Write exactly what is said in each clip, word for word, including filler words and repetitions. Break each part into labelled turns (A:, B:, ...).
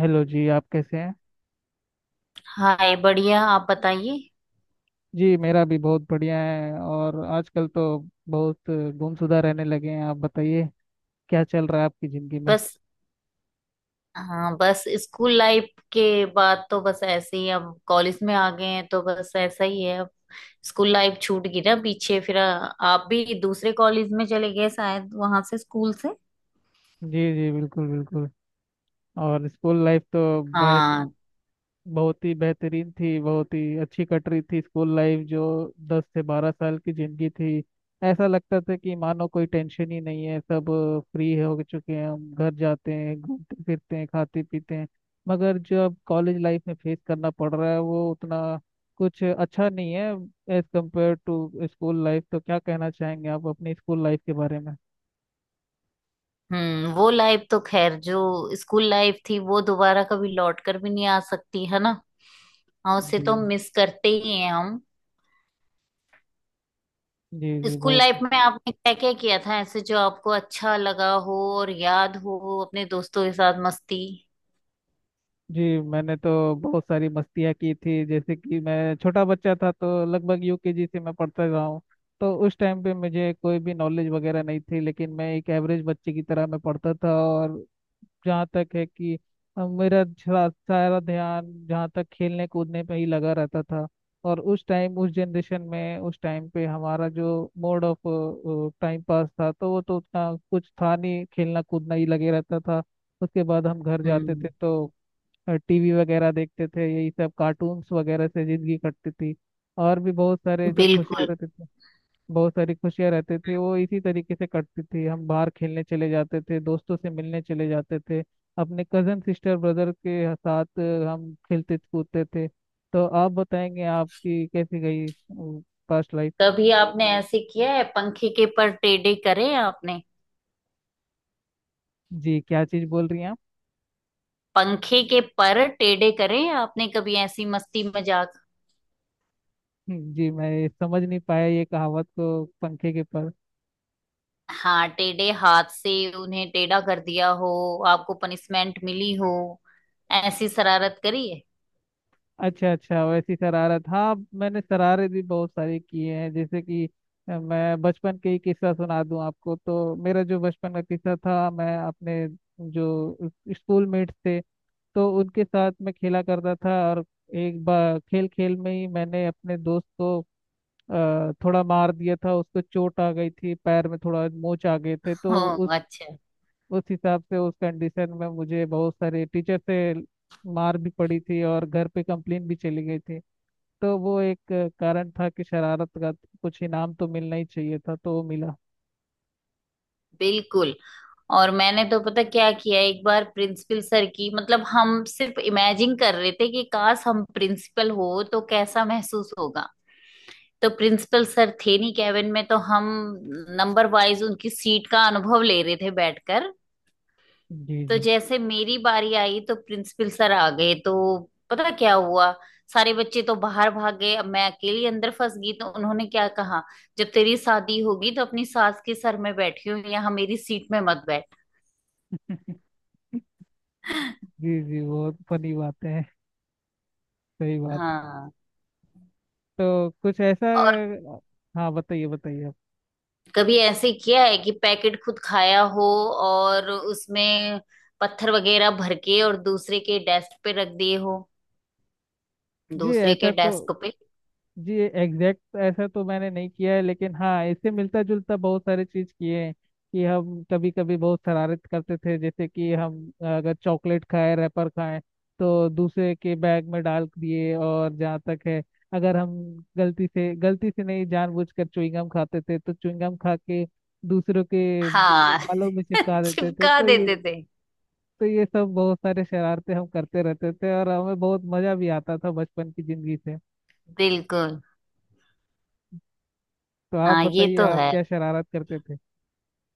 A: Hello जी, आप कैसे हैं।
B: हाय, बढ़िया। आप बताइए।
A: जी मेरा भी बहुत बढ़िया है। और आजकल तो बहुत गुमशुदा रहने लगे हैं, आप बताइए क्या चल रहा है आपकी ज़िंदगी में।
B: बस। हाँ, बस स्कूल लाइफ के बाद तो बस ऐसे ही, अब कॉलेज में आ गए हैं तो बस ऐसा ही है अब। स्कूल लाइफ छूट गई ना पीछे, फिर आ, आप भी दूसरे कॉलेज में चले गए शायद वहां से, स्कूल से।
A: जी जी, बिल्कुल बिल्कुल। और स्कूल लाइफ तो भाई
B: हाँ।
A: बहुत ही बेहतरीन थी, बहुत ही अच्छी कट रही थी स्कूल लाइफ, जो दस से बारह साल की जिंदगी थी। ऐसा लगता था कि मानो कोई टेंशन ही नहीं है, सब फ्री हो चुके हैं, हम घर जाते हैं, घूमते फिरते हैं, खाते पीते हैं। मगर जब कॉलेज लाइफ में फेस करना पड़ रहा है, वो उतना कुछ अच्छा नहीं है as compare to school life. तो क्या कहना चाहेंगे आप अपनी स्कूल लाइफ के बारे में।
B: हम्म वो लाइफ तो खैर, जो स्कूल लाइफ थी वो दोबारा कभी लौट कर भी नहीं आ सकती है ना। हाँ, उसे
A: जी
B: तो मिस करते ही हैं हम।
A: जी जी,
B: स्कूल
A: बहुत।
B: लाइफ में आपने क्या क्या किया था ऐसे जो आपको अच्छा लगा हो और याद हो, अपने दोस्तों के साथ मस्ती।
A: जी मैंने तो बहुत सारी मस्तियाँ की थी। जैसे कि मैं छोटा बच्चा था, तो लगभग यूकेजी से मैं पढ़ता रहा हूँ। तो उस टाइम पे मुझे कोई भी नॉलेज वगैरह नहीं थी, लेकिन मैं एक एवरेज बच्चे की तरह मैं पढ़ता था। और जहाँ तक है कि अ, मेरा सारा सारा ध्यान जहाँ तक खेलने कूदने पे ही लगा रहता था। और उस टाइम, उस जनरेशन में, उस टाइम पे हमारा जो मोड ऑफ टाइम पास था, तो वो तो उतना कुछ था नहीं, खेलना कूदना ही लगे रहता था। उसके बाद हम घर जाते थे
B: हम्म।
A: तो टीवी वगैरह देखते थे, यही सब कार्टून्स वगैरह से जिंदगी कटती थी। और भी बहुत सारे जो खुशियाँ
B: बिल्कुल।
A: रहते थे, बहुत सारी खुशियाँ रहते थे, वो इसी तरीके से कटती थी। हम बाहर खेलने चले जाते थे, दोस्तों से मिलने चले जाते थे, अपने कजन सिस्टर ब्रदर के साथ हम खेलते कूदते थे। तो आप बताएंगे आपकी कैसी गई पास्ट लाइफ।
B: कभी आपने ऐसे किया है, पंखे के पर टेढ़े करे आपने?
A: जी क्या चीज़ बोल रही हैं आप।
B: पंखे के पर टेढ़े करे आपने? कभी ऐसी मस्ती मजाक?
A: हम्म, जी मैं समझ नहीं पाया ये कहावत को, पंखे के पर।
B: हाँ, टेढ़े हाथ से उन्हें टेढ़ा कर दिया हो, आपको पनिशमेंट मिली हो, ऐसी शरारत करी है।
A: अच्छा अच्छा, वैसी शरारत। हाँ मैंने शरारत भी बहुत सारी की हैं। जैसे कि अ, मैं बचपन के ही किस्सा सुना दूं आपको। तो मेरा जो बचपन का किस्सा था, मैं अपने जो स्कूल मेट्स थे तो उनके साथ मैं खेला करता था। और एक बार खेल खेल में ही मैंने अपने दोस्त को अ, थोड़ा मार दिया था, उसको चोट आ गई थी, पैर में थोड़ा मोच आ गए थे।
B: हो।
A: तो उस
B: अच्छा।
A: उस हिसाब से उस कंडीशन में मुझे बहुत सारे टीचर से मार भी पड़ी थी और घर पे कंप्लेन भी चली गई थी। तो वो एक अ, कारण था कि शरारत का कुछ इनाम तो मिलना ही चाहिए था, तो वो मिला।
B: बिल्कुल। और मैंने तो पता क्या किया, एक बार प्रिंसिपल सर की, मतलब हम सिर्फ इमेजिन कर रहे थे कि काश हम प्रिंसिपल हो तो कैसा महसूस होगा। तो प्रिंसिपल सर थे नहीं कैबिन में, तो हम नंबर वाइज उनकी सीट का अनुभव ले रहे थे बैठकर।
A: जी
B: तो
A: जी।
B: जैसे मेरी बारी आई तो प्रिंसिपल सर आ गए। तो पता क्या हुआ, सारे बच्चे तो बाहर भाग गए, अब मैं अकेली अंदर फंस गई। तो उन्होंने क्या कहा, जब तेरी शादी होगी तो अपनी सास के सर में बैठी हो, यहाँ मेरी सीट में मत बैठ।
A: जी जी, बहुत फनी बातें हैं। सही बात।
B: हाँ।
A: तो कुछ ऐसा।
B: और
A: हाँ बताइए बताइए आप।
B: कभी ऐसे किया है कि पैकेट खुद खाया हो और उसमें पत्थर वगैरह भर के और दूसरे के डेस्क पे रख दिए हो?
A: जी
B: दूसरे के
A: ऐसा तो।
B: डेस्क पे।
A: जी एग्जैक्ट ऐसा तो मैंने नहीं किया है, लेकिन हाँ इससे मिलता जुलता बहुत सारे चीज किए हैं। कि हम कभी कभी बहुत शरारत करते थे। जैसे कि हम अगर चॉकलेट खाए, रैपर खाए, तो दूसरे के बैग में डाल दिए। और जहाँ तक है, अगर हम गलती से, गलती से नहीं जानबूझकर च्युइंगम खाते थे, तो च्युइंगम खा के दूसरों के
B: हाँ।
A: बालों में चिपका देते थे।
B: चिपका
A: तो ये,
B: देते थे।
A: तो ये सब बहुत सारे शरारते हम करते रहते थे और हमें बहुत मजा भी आता था बचपन की जिंदगी से।
B: बिल्कुल।
A: तो आप
B: हाँ, ये
A: बताइए
B: तो
A: आप
B: है।
A: क्या शरारत करते थे।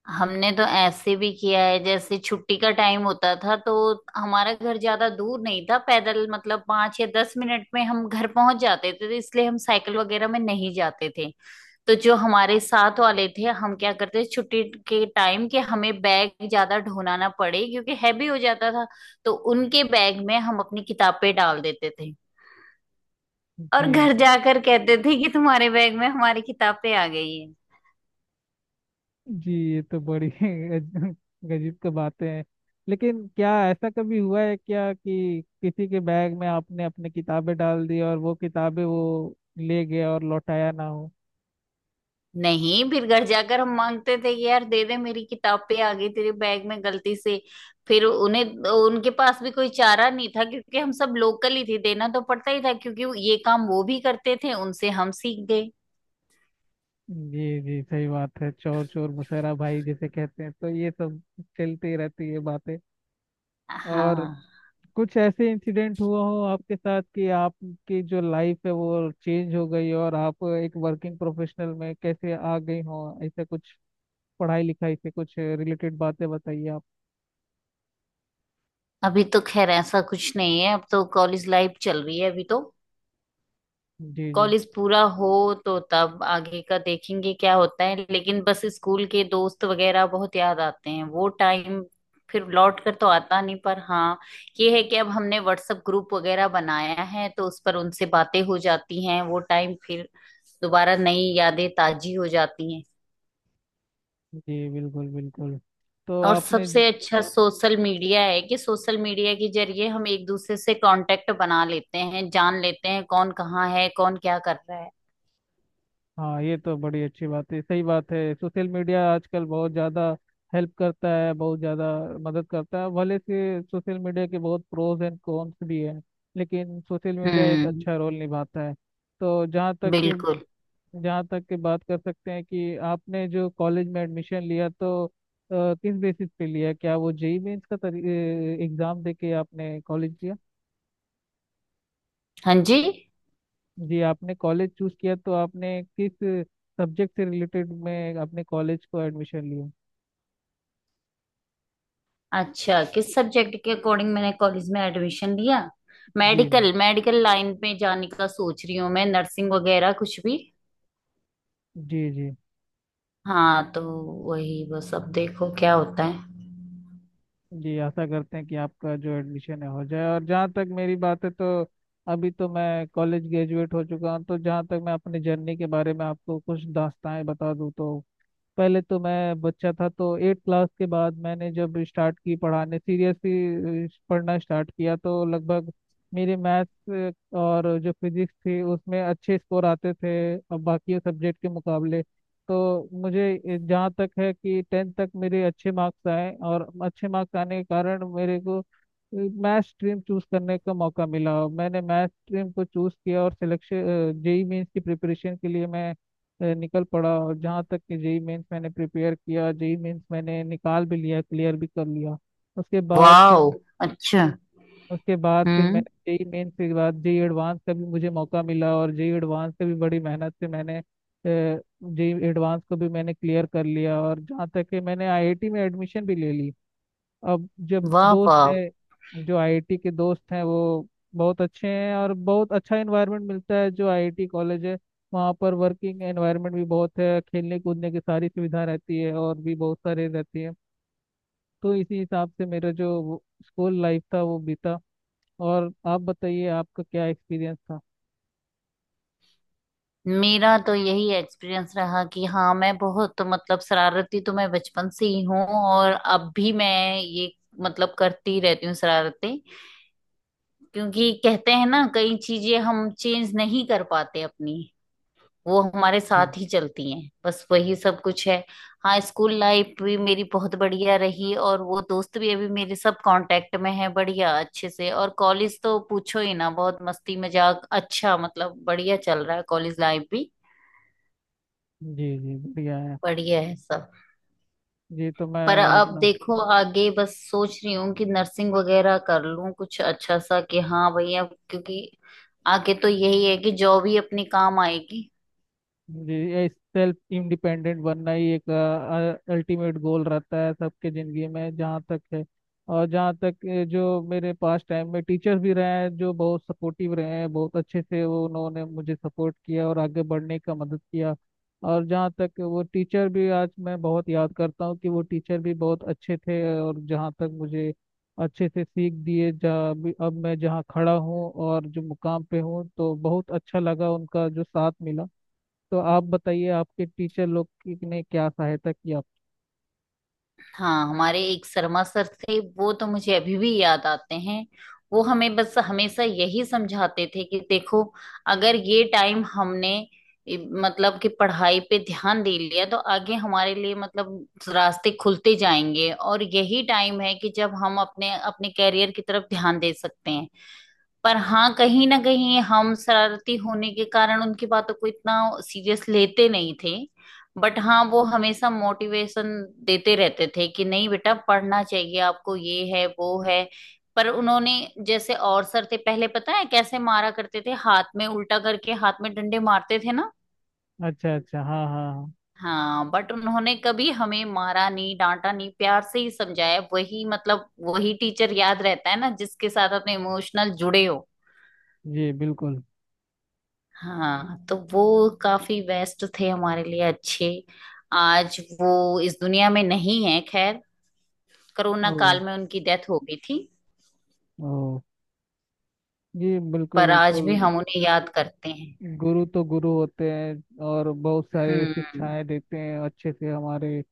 B: हमने तो ऐसे भी किया है, जैसे छुट्टी का टाइम होता था तो हमारा घर ज्यादा दूर नहीं था, पैदल मतलब पांच या दस मिनट में हम घर पहुंच जाते थे, तो इसलिए हम साइकिल वगैरह में नहीं जाते थे। तो जो हमारे साथ वाले थे, हम क्या करते छुट्टी के टाइम के, हमें बैग ज्यादा ढोना ना पड़े क्योंकि हैवी हो जाता था, तो उनके बैग में हम अपनी किताबें डाल देते थे और घर
A: जी
B: जाकर कहते थे कि तुम्हारे बैग में हमारी किताबें आ गई है।
A: जी, ये तो बड़ी गज- गजब की बातें हैं। लेकिन क्या ऐसा कभी हुआ है क्या कि किसी के बैग में आपने अपनी किताबें डाल दी और वो किताबें वो ले गया और लौटाया ना हो।
B: नहीं, फिर घर जाकर हम मांगते थे कि यार दे दे, मेरी किताबें आ गई तेरे बैग में गलती से। फिर उन्हें, उनके पास भी कोई चारा नहीं था क्योंकि हम सब लोकल ही थे, देना तो पड़ता ही था, क्योंकि ये काम वो भी करते थे, उनसे हम सीख गए।
A: जी जी, सही बात है। चोर चोर मुसहरा भाई जिसे कहते हैं, तो ये सब चलती रहती है बातें। और
B: हाँ।
A: कुछ ऐसे इंसिडेंट हुआ हो आपके साथ कि आपकी जो लाइफ है वो चेंज हो गई और आप एक वर्किंग प्रोफेशनल में कैसे आ गई हो। ऐसा कुछ पढ़ाई लिखाई से कुछ रिलेटेड बातें बताइए आप।
B: अभी तो खैर ऐसा कुछ नहीं है, अब तो कॉलेज लाइफ चल रही है अभी तो।
A: जी जी
B: कॉलेज पूरा हो तो तब आगे का देखेंगे क्या होता है, लेकिन बस स्कूल के दोस्त वगैरह बहुत याद आते हैं, वो टाइम फिर लौट कर तो आता नहीं, पर हाँ ये है कि अब हमने व्हाट्सएप ग्रुप वगैरह बनाया है तो उस पर उनसे बातें हो जाती हैं, वो टाइम फिर दोबारा नई यादें ताजी हो जाती हैं।
A: जी, बिल्कुल बिल्कुल। तो
B: और
A: आपने ज-
B: सबसे अच्छा सोशल मीडिया है कि सोशल मीडिया के जरिए हम एक दूसरे से कांटेक्ट बना लेते हैं, जान लेते हैं कौन कहाँ है, कौन क्या कर रहा है।
A: हाँ ये तो बड़ी अच्छी बात है, सही बात है। सोशल मीडिया आजकल बहुत ज़्यादा हेल्प करता है, बहुत ज़्यादा मदद करता है। भले से सोशल मीडिया के बहुत प्रोज एंड कॉन्स भी हैं, लेकिन सोशल मीडिया एक
B: हम्म।
A: अच्छा रोल निभाता है। तो जहाँ तक कि
B: बिल्कुल।
A: जहाँ तक की बात कर सकते हैं, कि आपने जो कॉलेज में एडमिशन लिया तो अ, किस बेसिस पे लिया, क्या वो जेई मेंस का एग्ज़ाम दे के आपने कॉलेज लिया।
B: हाँ जी।
A: जी आपने कॉलेज चूज किया, तो आपने किस सब्जेक्ट से रिलेटेड में अपने कॉलेज को एडमिशन लिया।
B: अच्छा, किस सब्जेक्ट के अकॉर्डिंग मैंने कॉलेज में एडमिशन लिया।
A: जी
B: मेडिकल, मेडिकल लाइन में जाने का सोच रही हूँ मैं, नर्सिंग वगैरह कुछ भी।
A: जी। जी
B: हाँ, तो वही, बस अब देखो क्या होता है।
A: जी आशा करते हैं कि आपका जो एडमिशन है हो जाए। और जहाँ तक मेरी बात है, तो अभी तो मैं कॉलेज ग्रेजुएट हो चुका हूँ। तो जहाँ तक मैं अपनी जर्नी के बारे में आपको कुछ दास्तानें बता दूँ, तो पहले तो मैं बच्चा था, तो एट क्लास के बाद मैंने जब स्टार्ट की पढ़ाने, सीरियसली पढ़ना स्टार्ट किया, तो लगभग मेरे मैथ्स और जो फिजिक्स थी उसमें अच्छे स्कोर आते थे अब बाकी सब्जेक्ट के मुकाबले। तो मुझे ए- जहाँ तक है कि टेंथ तक मेरे अच्छे मार्क्स आए, और अच्छे मार्क्स आने के कारण मेरे को मैथ स्ट्रीम चूज करने का मौका मिला। मैंने मैथ स्ट्रीम को चूज किया, और सिलेक्शन जेई मेंस की प्रिपरेशन के लिए मैं अ, निकल पड़ा। और जहाँ तक कि जेई मेंस मैंने प्रिपेयर किया, जेई मेंस मैंने निकाल भी लिया, क्लियर भी कर लिया। उसके बाद फिर
B: वाह। अच्छा।
A: उसके बाद फिर
B: हम्म।
A: मैंने जेई मेंस के बाद जेई एडवांस का भी मुझे मौका मिला। और जेई एडवांस का भी बड़ी मेहनत से मैंने जेई एडवांस को भी मैंने क्लियर कर लिया, और जहाँ तक कि मैंने आईआईटी में एडमिशन भी ले ली। अब जब
B: वाह
A: दोस्त
B: वाह।
A: है, जो आईआईटी के दोस्त हैं, वो बहुत अच्छे हैं। और बहुत अच्छा एनवायरनमेंट मिलता है जो आईआईटी कॉलेज है, वहाँ पर वर्किंग एनवायरनमेंट भी बहुत है, खेलने कूदने की सारी सुविधा रहती है और भी बहुत सारे रहती है। तो इसी हिसाब से मेरा जो स्कूल लाइफ था वो बीता। और आप बताइए आपका क्या एक्सपीरियंस था।
B: मेरा तो यही एक्सपीरियंस रहा कि हाँ, मैं बहुत मतलब शरारती तो मैं बचपन से ही हूँ और अब भी मैं ये मतलब करती रहती हूँ शरारतें, क्योंकि कहते हैं ना कई चीजें हम चेंज नहीं कर पाते अपनी, वो हमारे
A: जी
B: साथ ही चलती हैं, बस वही सब कुछ है। हाँ, स्कूल लाइफ भी मेरी बहुत बढ़िया रही और वो दोस्त भी अभी मेरे सब कांटेक्ट में है बढ़िया, अच्छे से। और कॉलेज तो पूछो ही ना, बहुत मस्ती मजाक, अच्छा मतलब बढ़िया चल रहा है कॉलेज लाइफ भी।
A: जी, जी, बढ़िया है।
B: बढ़िया है सब।
A: जी तो मैं
B: पर अब
A: अपना।
B: देखो आगे बस सोच रही हूँ कि नर्सिंग वगैरह कर लूँ कुछ अच्छा सा, कि हाँ भैया, क्योंकि आगे तो यही है कि जॉब ही अपने काम आएगी।
A: जी सेल्फ इंडिपेंडेंट बनना ही एक अल्टीमेट गोल रहता है सबके ज़िंदगी में जहाँ तक है। और जहाँ तक अ, जो मेरे पास टाइम में टीचर्स भी रहे हैं जो बहुत सपोर्टिव रहे हैं बहुत अच्छे से, वो उन्होंने मुझे सपोर्ट किया और आगे बढ़ने का मदद किया। और जहाँ तक वो टीचर भी आज मैं बहुत याद करता हूँ, कि वो टीचर भी बहुत अच्छे थे और जहाँ तक मुझे अच्छे से सीख दिए, जहाँ भी अब मैं जहाँ खड़ा हूँ और जो मुकाम पे हूँ, तो बहुत अच्छा लगा उनका जो साथ मिला। तो आप बताइए आपके टीचर लोग की- ने क्या सहायता की आप।
B: हाँ, हमारे एक शर्मा सर थे, वो तो मुझे अभी भी याद आते हैं। वो हमें बस हमेशा यही समझाते थे कि देखो, अगर ये टाइम हमने इ- मतलब कि पढ़ाई पे ध्यान दे लिया तो आगे हमारे लिए, मतलब रास्ते खुलते जाएंगे और यही टाइम है कि जब हम अपने अपने कैरियर की तरफ ध्यान दे सकते हैं। पर हाँ, कहीं ना कहीं हम शरारती होने के कारण उनकी बातों को इतना सीरियस लेते नहीं थे। बट हाँ, वो हमेशा मोटिवेशन देते रहते थे कि नहीं बेटा, पढ़ना चाहिए आपको, ये है वो है। पर उन्होंने, जैसे और सर थे पहले पता है कैसे मारा करते थे, हाथ में उल्टा करके हाथ में डंडे मारते थे ना।
A: अच्छा अच्छा, हाँ हाँ हाँ,
B: हाँ, बट उन्होंने कभी हमें मारा नहीं, डांटा नहीं, प्यार से ही समझाया, वही मतलब वही टीचर याद रहता है ना जिसके साथ अपने इमोशनल जुड़े हो।
A: जी बिल्कुल।
B: हाँ, तो वो काफी बेस्ट थे हमारे लिए, अच्छे। आज वो इस दुनिया में नहीं है, खैर कोरोना
A: ओ,
B: काल में उनकी डेथ हो गई थी।
A: ओ, जी बिल्कुल
B: पर आज
A: बिल्कुल।
B: भी हम उन्हें याद करते हैं।
A: गुरु तो गुरु होते हैं और बहुत सारी
B: हम्म।
A: शिक्षाएं देते हैं अच्छे से। हमारे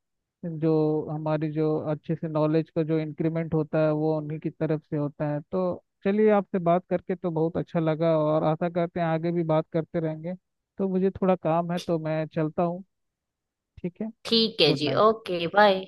A: जो, हमारी जो अच्छे से नॉलेज का जो इंक्रीमेंट होता है, वो उन्हीं की तरफ से होता है। तो चलिए, आपसे बात करके तो बहुत अच्छा लगा और आशा करते हैं आगे भी बात करते रहेंगे। तो मुझे थोड़ा काम है,
B: ठी-
A: तो मैं चलता हूँ। ठीक है,
B: ठीक है
A: गुड
B: जी,
A: नाइट।
B: Okay bye.